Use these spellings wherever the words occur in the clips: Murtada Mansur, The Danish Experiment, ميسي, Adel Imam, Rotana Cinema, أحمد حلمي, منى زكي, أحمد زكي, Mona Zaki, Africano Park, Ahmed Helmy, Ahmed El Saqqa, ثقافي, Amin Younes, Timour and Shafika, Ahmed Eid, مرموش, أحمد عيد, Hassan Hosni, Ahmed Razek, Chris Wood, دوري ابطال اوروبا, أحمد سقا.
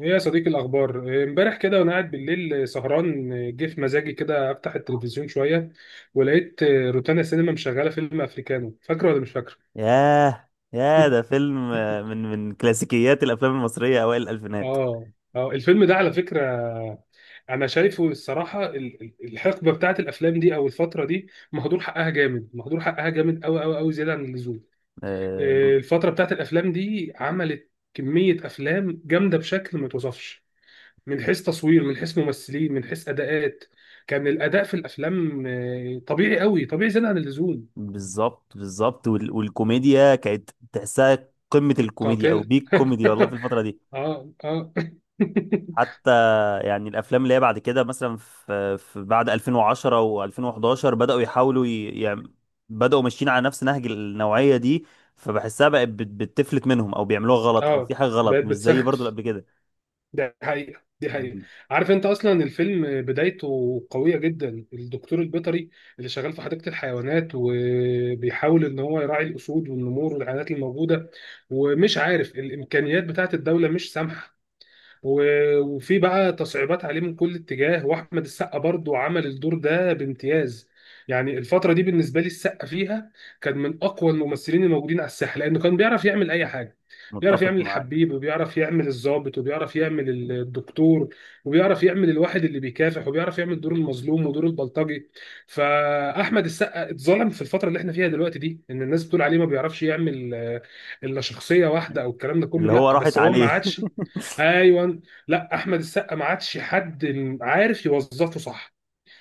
ايه يا صديقي، الاخبار إيه؟ امبارح كده وانا قاعد بالليل سهران إيه، جه في مزاجي كده افتح التلفزيون شويه ولقيت إيه، روتانا سينما مشغله فيلم افريكانو. فاكره ولا مش فاكره؟ ياه ياه، ده فيلم من كلاسيكيات الافلام المصريه اوائل الالفينات. اه اه الفيلم ده على فكره، انا شايفه الصراحه الحقبه بتاعت الافلام دي او الفتره دي مهدور حقها جامد، مهدور حقها جامد قوي قوي قوي زياده عن اللزوم. آه، إيه، الفتره بتاعت الافلام دي عملت كميه افلام جامده بشكل ما توصفش، من حيث تصوير من حيث ممثلين من حيث اداءات. كان الاداء في الافلام طبيعي قوي، طبيعي زياده عن اللزوم، بالظبط بالظبط. والكوميديا كانت تحسها قمه الكوميديا او قاتل. بيك كوميدي والله في الفتره دي. اه. حتى يعني الافلام اللي هي بعد كده، مثلا في بعد 2010 و2011، بداوا يحاولوا يعني بداوا ماشيين على نفس نهج النوعيه دي، فبحسها بقت بتفلت منهم او بيعملوها غلط او في اه، حاجه غلط، بقت مش زي برضو اللي بتسخف. قبل كده. ده حقيقه، دي حقيقه. مم. عارف انت اصلا الفيلم بدايته قويه جدا؟ الدكتور البيطري اللي شغال في حديقه الحيوانات وبيحاول ان هو يراعي الاسود والنمور والحيوانات الموجوده، ومش عارف الامكانيات بتاعت الدوله مش سامحه، و- وفي بقى تصعيبات عليه من كل اتجاه، واحمد السقا برضو عمل الدور ده بامتياز. يعني الفتره دي بالنسبه لي السقا فيها كان من اقوى الممثلين الموجودين على الساحه، لانه كان بيعرف يعمل اي حاجه. بيعرف متفق يعمل معاك. الحبيب، وبيعرف يعمل الضابط، وبيعرف يعمل الدكتور، وبيعرف يعمل الواحد اللي بيكافح، وبيعرف يعمل دور المظلوم ودور البلطجي. فاحمد السقا اتظلم في الفتره اللي احنا فيها دلوقتي دي، ان الناس بتقول عليه ما بيعرفش يعمل الا شخصيه واحده او الكلام ده كله. اللي هو لا، راحت بس هو ما عليه. عادش. ايوه، لا احمد السقا ما عادش حد عارف يوظفه صح.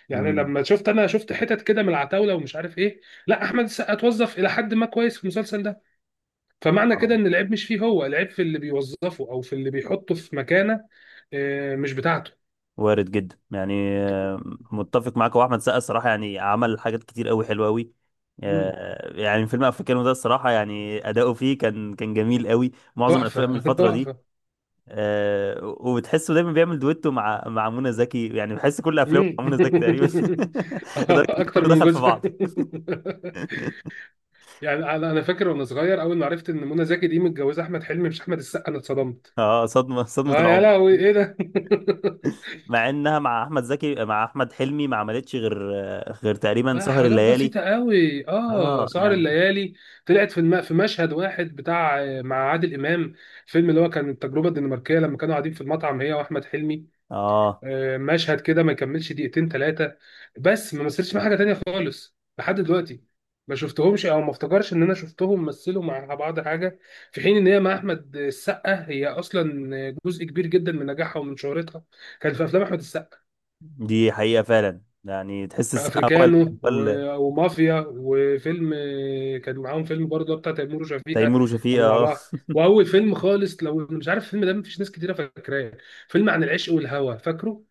يعني امم. لما شفت، انا شفت حتت كده من العتاوله ومش عارف ايه، لا احمد السقا اتوظف الى حد ما كويس في المسلسل ده. فمعنى كده اه، ان العيب مش فيه، هو العيب في اللي بيوظفه او في اللي بيحطه في مكانه. مش بتاعته. وارد جدا يعني. متفق معاك. هو احمد سقا الصراحه يعني عمل حاجات كتير قوي حلوه قوي. مم. يعني فيلم افريكانو ده الصراحه يعني اداؤه فيه كان كان جميل قوي، معظم الافلام من تحفه، الفتره دي. تحفه. وبتحسه دايما بيعمل دويتو مع منى زكي، يعني بحس كل افلامه مم. مع منى زكي تقريبا. لدرجه ان اكتر كله من دخل في جزء. بعض. يعني أنا فاكر وانا صغير اول ما عرفت ان منى زكي دي متجوزه احمد حلمي مش احمد السقا، انا اتصدمت. اه، صدمه صدمه لا يا العمر. لهوي، ايه ده! مع انها مع احمد زكي، مع احمد حلمي ما عملتش غير غير تقريبا لا سهر حاجات الليالي. بسيطة قوي، اه اه سهر يعني. الليالي. طلعت في الم... في مشهد واحد بتاع مع عادل إمام. الفيلم اللي هو كان التجربة الدنماركية، لما كانوا قاعدين في المطعم هي وأحمد حلمي، اه مشهد كده ما يكملش دقيقتين ثلاثة، بس ما مثلش مع حاجة تانية خالص لحد دلوقتي. ما شفتهمش او ما افتكرش ان انا شفتهم مثلوا مع بعض حاجة، في حين ان هي مع احمد السقا هي اصلا جزء كبير جدا من نجاحها ومن شهرتها كان في افلام احمد السقا. دي حقيقة فعلا، يعني تحس السقا هو افريكانو هو و- ومافيا، وفيلم كان معاهم فيلم برضه بتاع تيمور وشفيقة، تيمور وشفيقة، كانوا مع اه. بعض. واول فيلم خالص لو مش عارف الفيلم ده مفيش ناس كتيره فاكراه، فيلم عن العشق والهوى، فاكره؟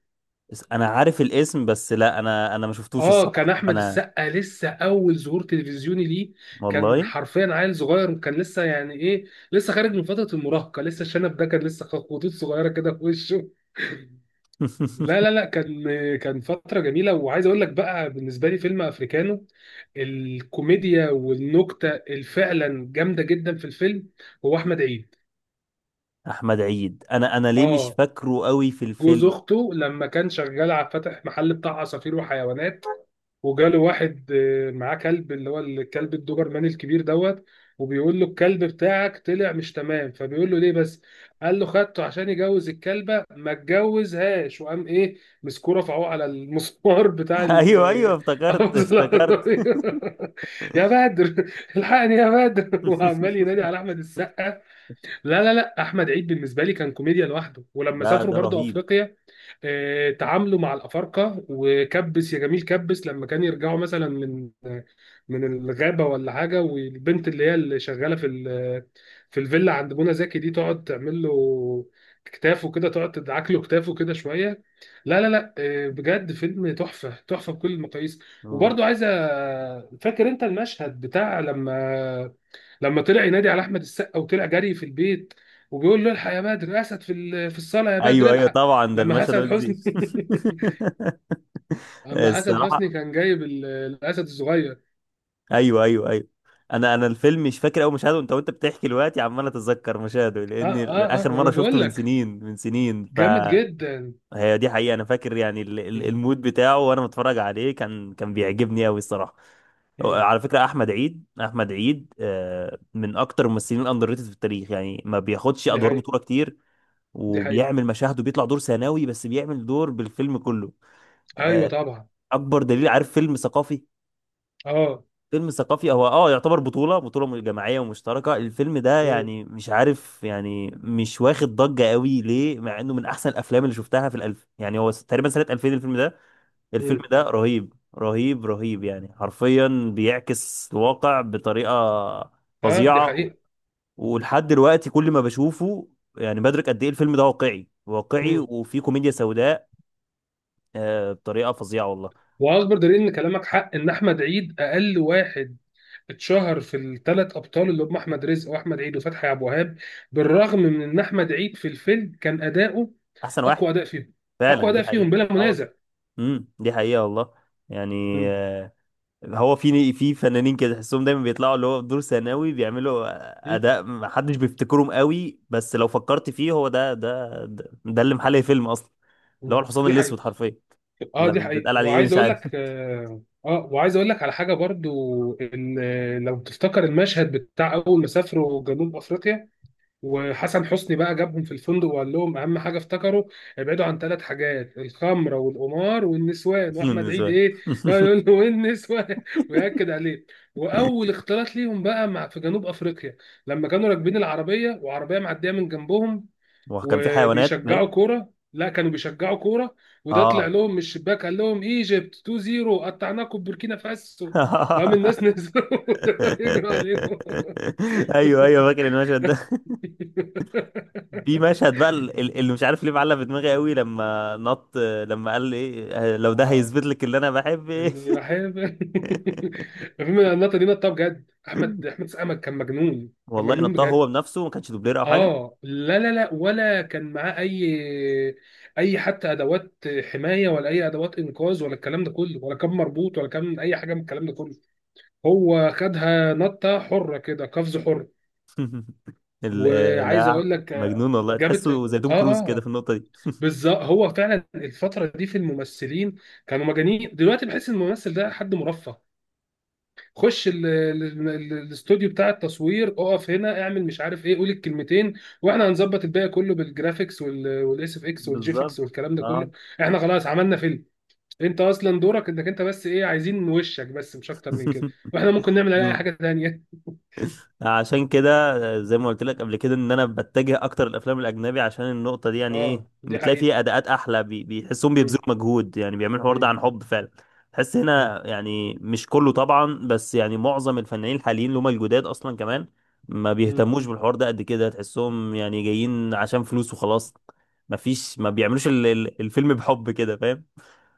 بس انا عارف الاسم بس، لا انا انا ما شفتوش اه كان الصراحة احمد انا. السقا لسه اول ظهور تلفزيوني ليه، كان والله. حرفيا عيل صغير، وكان لسه يعني ايه، لسه خارج من فتره المراهقه، لسه الشنب ده كان لسه خطوط صغيره كده في وشه. لا لا لا كان، كان فترة جميلة. وعايز اقول لك بقى بالنسبة لي فيلم افريكانو، الكوميديا والنكتة الفعلا جامدة جدا في الفيلم هو احمد عيد. احمد عيد. انا انا ليه مش اه، فاكره قوي في جوز الفيلم. اخته لما كان شغال على فتح محل بتاع عصافير وحيوانات، وجاله واحد معاه كلب، اللي هو الكلب الدوبرمان الكبير دوت. وبيقول له الكلب بتاعك طلع مش تمام، فبيقول له ليه بس، قال له خدته عشان يجوز الكلبة ما اتجوزهاش، وقام ايه مسكوه رفعوه على المسمار بتاع ال... ايوه ايوه افتكرت أبوظ افتكرت. العربية. يا بدر، الحقني يا بدر وعمال ينادي على احمد السقا. لا احمد عيد بالنسبه لي كان كوميديا لوحده. ولما ده سافروا ده برضو رهيب. افريقيا، تعاملوا مع الافارقه وكبس يا جميل، كبس لما كان يرجعوا مثلا من من الغابه ولا حاجه، والبنت اللي هي اللي شغاله في في الفيلا عند منى زكي دي تقعد تعمل له كتافه كده، تقعد تدعك له كتافه كده شويه. لا بجد فيلم تحفه، تحفه بكل المقاييس. وبرضو عايزه، فاكر انت المشهد بتاع لما، لما طلع ينادي على احمد السقا وطلع جري في البيت وبيقول له الحق يا بدر، اسد في في الصاله يا بدر، ايوه ايوه الحق. طبعا، ده لما المشهد ما حسن حسني تنسيش. اما حسن حسني الصراحة. كان جايب الاسد الصغير. ايوه ايوه ايوه. انا انا الفيلم مش فاكر اول مشاهده، انت وانت بتحكي دلوقتي عمال اتذكر مشاهده، اه لان اه اخر اه مره وانا شفته بقول من لك سنين من سنين، جامد فهي جدا. دي حقيقه. انا فاكر يعني مم. المود بتاعه وانا متفرج عليه كان كان بيعجبني قوي الصراحه. مم. على فكره احمد عيد، احمد عيد من اكتر الممثلين الاندر ريتد في التاريخ، يعني ما بياخدش دي ادوار حقيقة. بطوله كتير دي حقيقة، وبيعمل مشاهده، بيطلع دور ثانوي بس بيعمل دور بالفيلم كله. ايوه آه، طبعا. اكبر دليل، عارف فيلم ثقافي؟ اه. فيلم ثقافي هو اه يعتبر بطولة بطولة جماعية ومشتركة، الفيلم ده مم. يعني مش عارف يعني مش واخد ضجة قوي ليه، مع انه من احسن الافلام اللي شفتها في الالف، يعني هو تقريبا سنة 2000 الفيلم ده. الفيلم مم. ده رهيب رهيب رهيب، يعني حرفيا بيعكس الواقع بطريقة اه دي فظيعة، حقيقة. ولحد دلوقتي كل ما بشوفه يعني بدرك قد ايه الفيلم ده واقعي واقعي، مم. وفيه كوميديا سوداء بطريقة فظيعة والله. واكبر دليل ان كلامك حق ان احمد عيد اقل واحد اتشهر في الثلاث ابطال، اللي هم احمد رزق واحمد عيد وفتحي عبد الوهاب، بالرغم من ان احمد عيد في الفيلم كان اداؤه احسن واحد. اقوى اداء فيهم. اقوى فعلا دي اداء فيهم حقيقة، بلا اه. منازع. امم، دي حقيقة والله يعني. مم. آه، هو في في فنانين كده تحسهم دايما بيطلعوا اللي هو في دور ثانوي، بيعملوا مم. اداء ما حدش بيفتكرهم قوي، بس لو فكرت فيه هو ده ده ده اللي محل الفيلم اصلا، اللي هو مم. الحصان دي حقيقة. الاسود حرفيا. اه ولا دي حقيقة. بيتقال عليه ايه وعايز مش اقول عارف. لك اه وعايز اقول لك على حاجة برضو ان لو تفتكر المشهد بتاع اول ما سافروا جنوب افريقيا، وحسن حسني بقى جابهم في الفندق وقال لهم اهم حاجه افتكروا ابعدوا عن ثلاث حاجات، الخمره والقمار والنسوان، واحمد بالنسبة عيد لي. ايه يقول له والنسوان وياكد عليه. واول اختلاط ليهم بقى مع في جنوب افريقيا، لما كانوا راكبين العربيه وعربيه معديه من جنبهم وكان في حيوانات وبيشجعوا باين. كوره، لا كانوا بيشجعوا كوره، وده اه. طلع لهم من الشباك قال لهم ايجيبت 2-0 قطعناكم بوركينا فاسو. وقام الناس نزلوا يجروا عليهم. ايوه ايوه فاكر المشهد. في مشهد بقى اللي مش عارف ليه معلق في دماغي قوي، لما نط، لما قال ايه، لو ده اه هيثبت لك اللي انا بحب ايه. اني بحب الفيلم. النقطه دي نقطه بجد، احمد، احمد سقا كان مجنون، كان والله مجنون نطها هو بجد. بنفسه، ما كانش دوبلير او حاجه. اه لا ولا كان معاه اي حتى ادوات حمايه، ولا اي ادوات انقاذ ولا الكلام ده كله، ولا كان مربوط ولا كان اي حاجه من الكلام ده كله. هو خدها نطه حره كده، قفز حر. وعايز لا اقول لك مجنون والله، جابت اه، تحسه زي توم اه، كروز كده في آه. النقطه دي. بالظبط، هو فعلا الفتره دي في الممثلين كانوا مجانين. دلوقتي بحس ان الممثل ده حد مرفه، خش الاستوديو بتاع التصوير، اقف هنا اعمل مش عارف ايه، قول الكلمتين واحنا هنظبط الباقي كله بالجرافيكس والاس اف اكس بالظبط. والجيفكس والكلام ده اه. كله. احنا خلاص عملنا فيلم، انت اصلا دورك انك انت بس ايه، عايزين وشك بس مش اكتر من كده، واحنا ممكن نعمل عليه اي حاجه تانيه. عشان كده زي ما قلت لك قبل كده، ان انا بتجه اكتر للافلام الاجنبي عشان النقطه دي يعني اه ايه، دي بتلاقي حقيقه. فيها اداءات احلى بيحسهم بيبذلوا مم. مجهود، يعني بيعملوا الحوار ده مم. عن حب فعلا. تحس هنا يعني مش كله طبعا، بس يعني معظم الفنانين الحاليين اللي هم الجداد اصلا كمان ما مم. بيهتموش بالحوار ده قد كده، تحسهم يعني جايين عشان فلوس وخلاص، ما فيش، ما بيعملوش الفيلم بحب كده، فاهم؟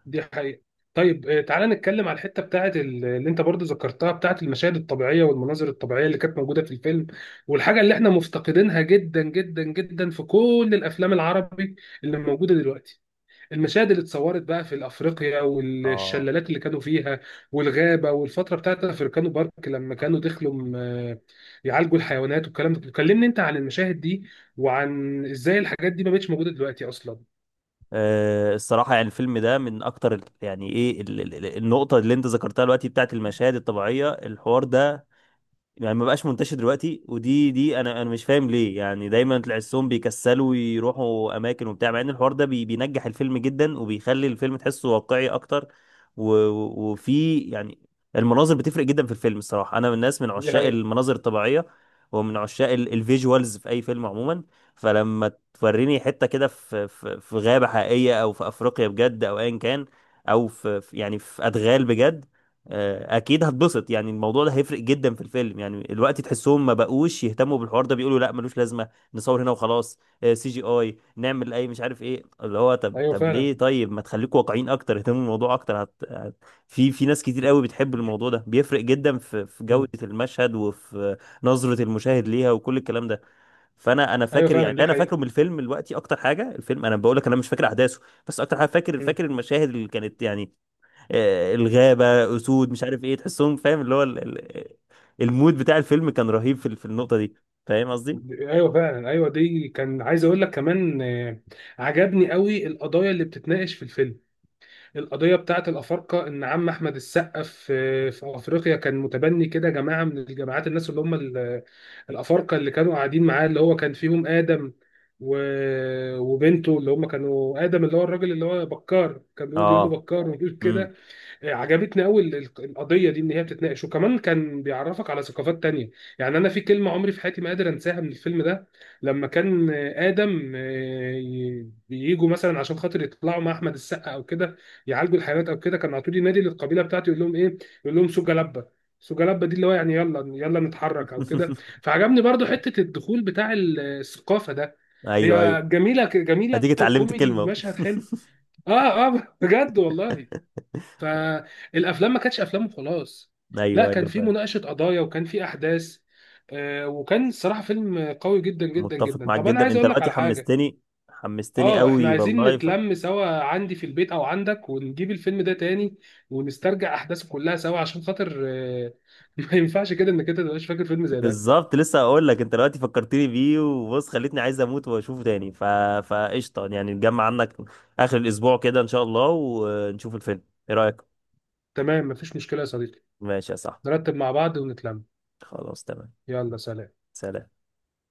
دي حقيقة. طيب تعالى نتكلم على الحتة بتاعت اللي انت برضو ذكرتها بتاعت المشاهد الطبيعية والمناظر الطبيعية اللي كانت موجودة في الفيلم، والحاجة اللي احنا مفتقدينها جدا جدا جدا في كل الافلام العربي اللي موجودة دلوقتي. المشاهد اللي اتصورت بقى في افريقيا، اه. والشلالات اللي كانوا فيها، والغابة، والفترة بتاعت افريكانو بارك لما كانوا دخلوا يعالجوا الحيوانات والكلام ده. كلمني انت عن المشاهد دي، وعن ازاي الحاجات دي ما بقتش موجودة دلوقتي اصلا. آه، الصراحة يعني الفيلم ده من أكتر يعني إيه النقطة اللي أنت ذكرتها دلوقتي بتاعت المشاهد الطبيعية، الحوار ده يعني ما بقاش منتشر دلوقتي، دي انا انا مش فاهم ليه، يعني دايما تحسهم بيكسلوا يروحوا اماكن وبتاع، مع ان الحوار ده بينجح الفيلم جدا وبيخلي الفيلم تحسه واقعي اكتر. وفي يعني، المناظر بتفرق جدا في الفيلم الصراحه، انا من الناس من دي عشاق حقيقة. المناظر الطبيعيه ومن عشاق الفيجوالز في اي فيلم عموما. فلما توريني حته كده في في غابه حقيقيه او في افريقيا بجد او ايا كان، او في يعني في ادغال بجد، اكيد هتبسط، يعني الموضوع ده هيفرق جدا في الفيلم. يعني الوقت تحسهم ما بقوش يهتموا بالحوار ده، بيقولوا لا ملوش لازمه، نصور هنا وخلاص، سي جي اي، نعمل اي مش عارف ايه، اللي هو طب ايوه طب فعلا. ليه، طيب ما تخليكوا واقعيين اكتر، اهتموا بالموضوع اكتر. هت... هت... في في ناس كتير قوي بتحب الموضوع ده، بيفرق جدا في في جوده مم. المشهد وفي نظره المشاهد ليها وكل الكلام ده. فانا انا ايوه فاكر يعني، فعلا اللي دي انا فاكره حقيقة. من الفيلم دلوقتي اكتر حاجه، الفيلم انا بقول لك انا مش فاكر احداثه، بس اكتر حاجه فاكر، مم. فاكر المشاهد اللي كانت يعني الغابة، أسود، مش عارف إيه، تحسهم فاهم، اللي هو المود بتاع الفيلم كان رهيب في في النقطة دي. فاهم قصدي؟ ايوه فعلا. ايوه دي كان عايز اقول لك كمان عجبني قوي القضايا اللي بتتناقش في الفيلم. القضيه بتاعه الافارقه، ان عم احمد السقا في في افريقيا كان متبني كده جماعه من الجماعات، الناس اللي هم الافارقه اللي كانوا قاعدين معاه، اللي هو كان فيهم ادم و... وبنته، اللي هم كانوا ادم اللي هو الراجل، اللي هو بكار كان بيقعد يقول له آه. بكار ويقول امم. كده. عجبتني قوي القضيه دي ان هي بتتناقش، وكمان كان بيعرفك على ثقافات تانية. يعني انا في كلمه عمري في حياتي ما قادر انساها من الفيلم ده، لما كان ادم بييجوا مثلا عشان خاطر يطلعوا مع احمد السقا او كده يعالجوا الحيوانات او كده، كان على طول ينادي للقبيله بتاعته يقول لهم ايه، يقول لهم سوجا لبه. سوجا لبه دي اللي هو يعني يلا، يلا نتحرك او كده. فعجبني برضو حته الدخول بتاع الثقافه ده، أيوه أيوه، هي جميله جميله أديك اتعلمت وكوميدي كلمة أهو. ومشهد حلو. اه بجد والله. فالافلام ما كانتش افلام وخلاص، لا أيوه كان أيوه في فاهم. مناقشه قضايا وكان في احداث. وكان الصراحه فيلم قوي جدا جدا متفق جدا. معاك طب انا جدا. عايز أنت اقول لك دلوقتي على حاجه، حمستني، حمستني اه احنا قوي عايزين والله. ف... نتلم سوا عندي في البيت او عندك، ونجيب الفيلم ده تاني ونسترجع احداثه كلها سوا، عشان خاطر ما ينفعش كده انك انت تبقاش فاكر فيلم زي ده. بالظبط، لسه هقول لك، انت دلوقتي فكرتني بيه وبص، خليتني عايز اموت واشوفه تاني. ف فقشطه يعني، نجمع عنك اخر الاسبوع كده ان شاء الله ونشوف الفيلم. ايه رايك؟ تمام مفيش مشكله يا صديقي، ماشي يا صاحبي. نرتب مع بعض ونتلم. خلاص تمام. يلا، سلام. سلام.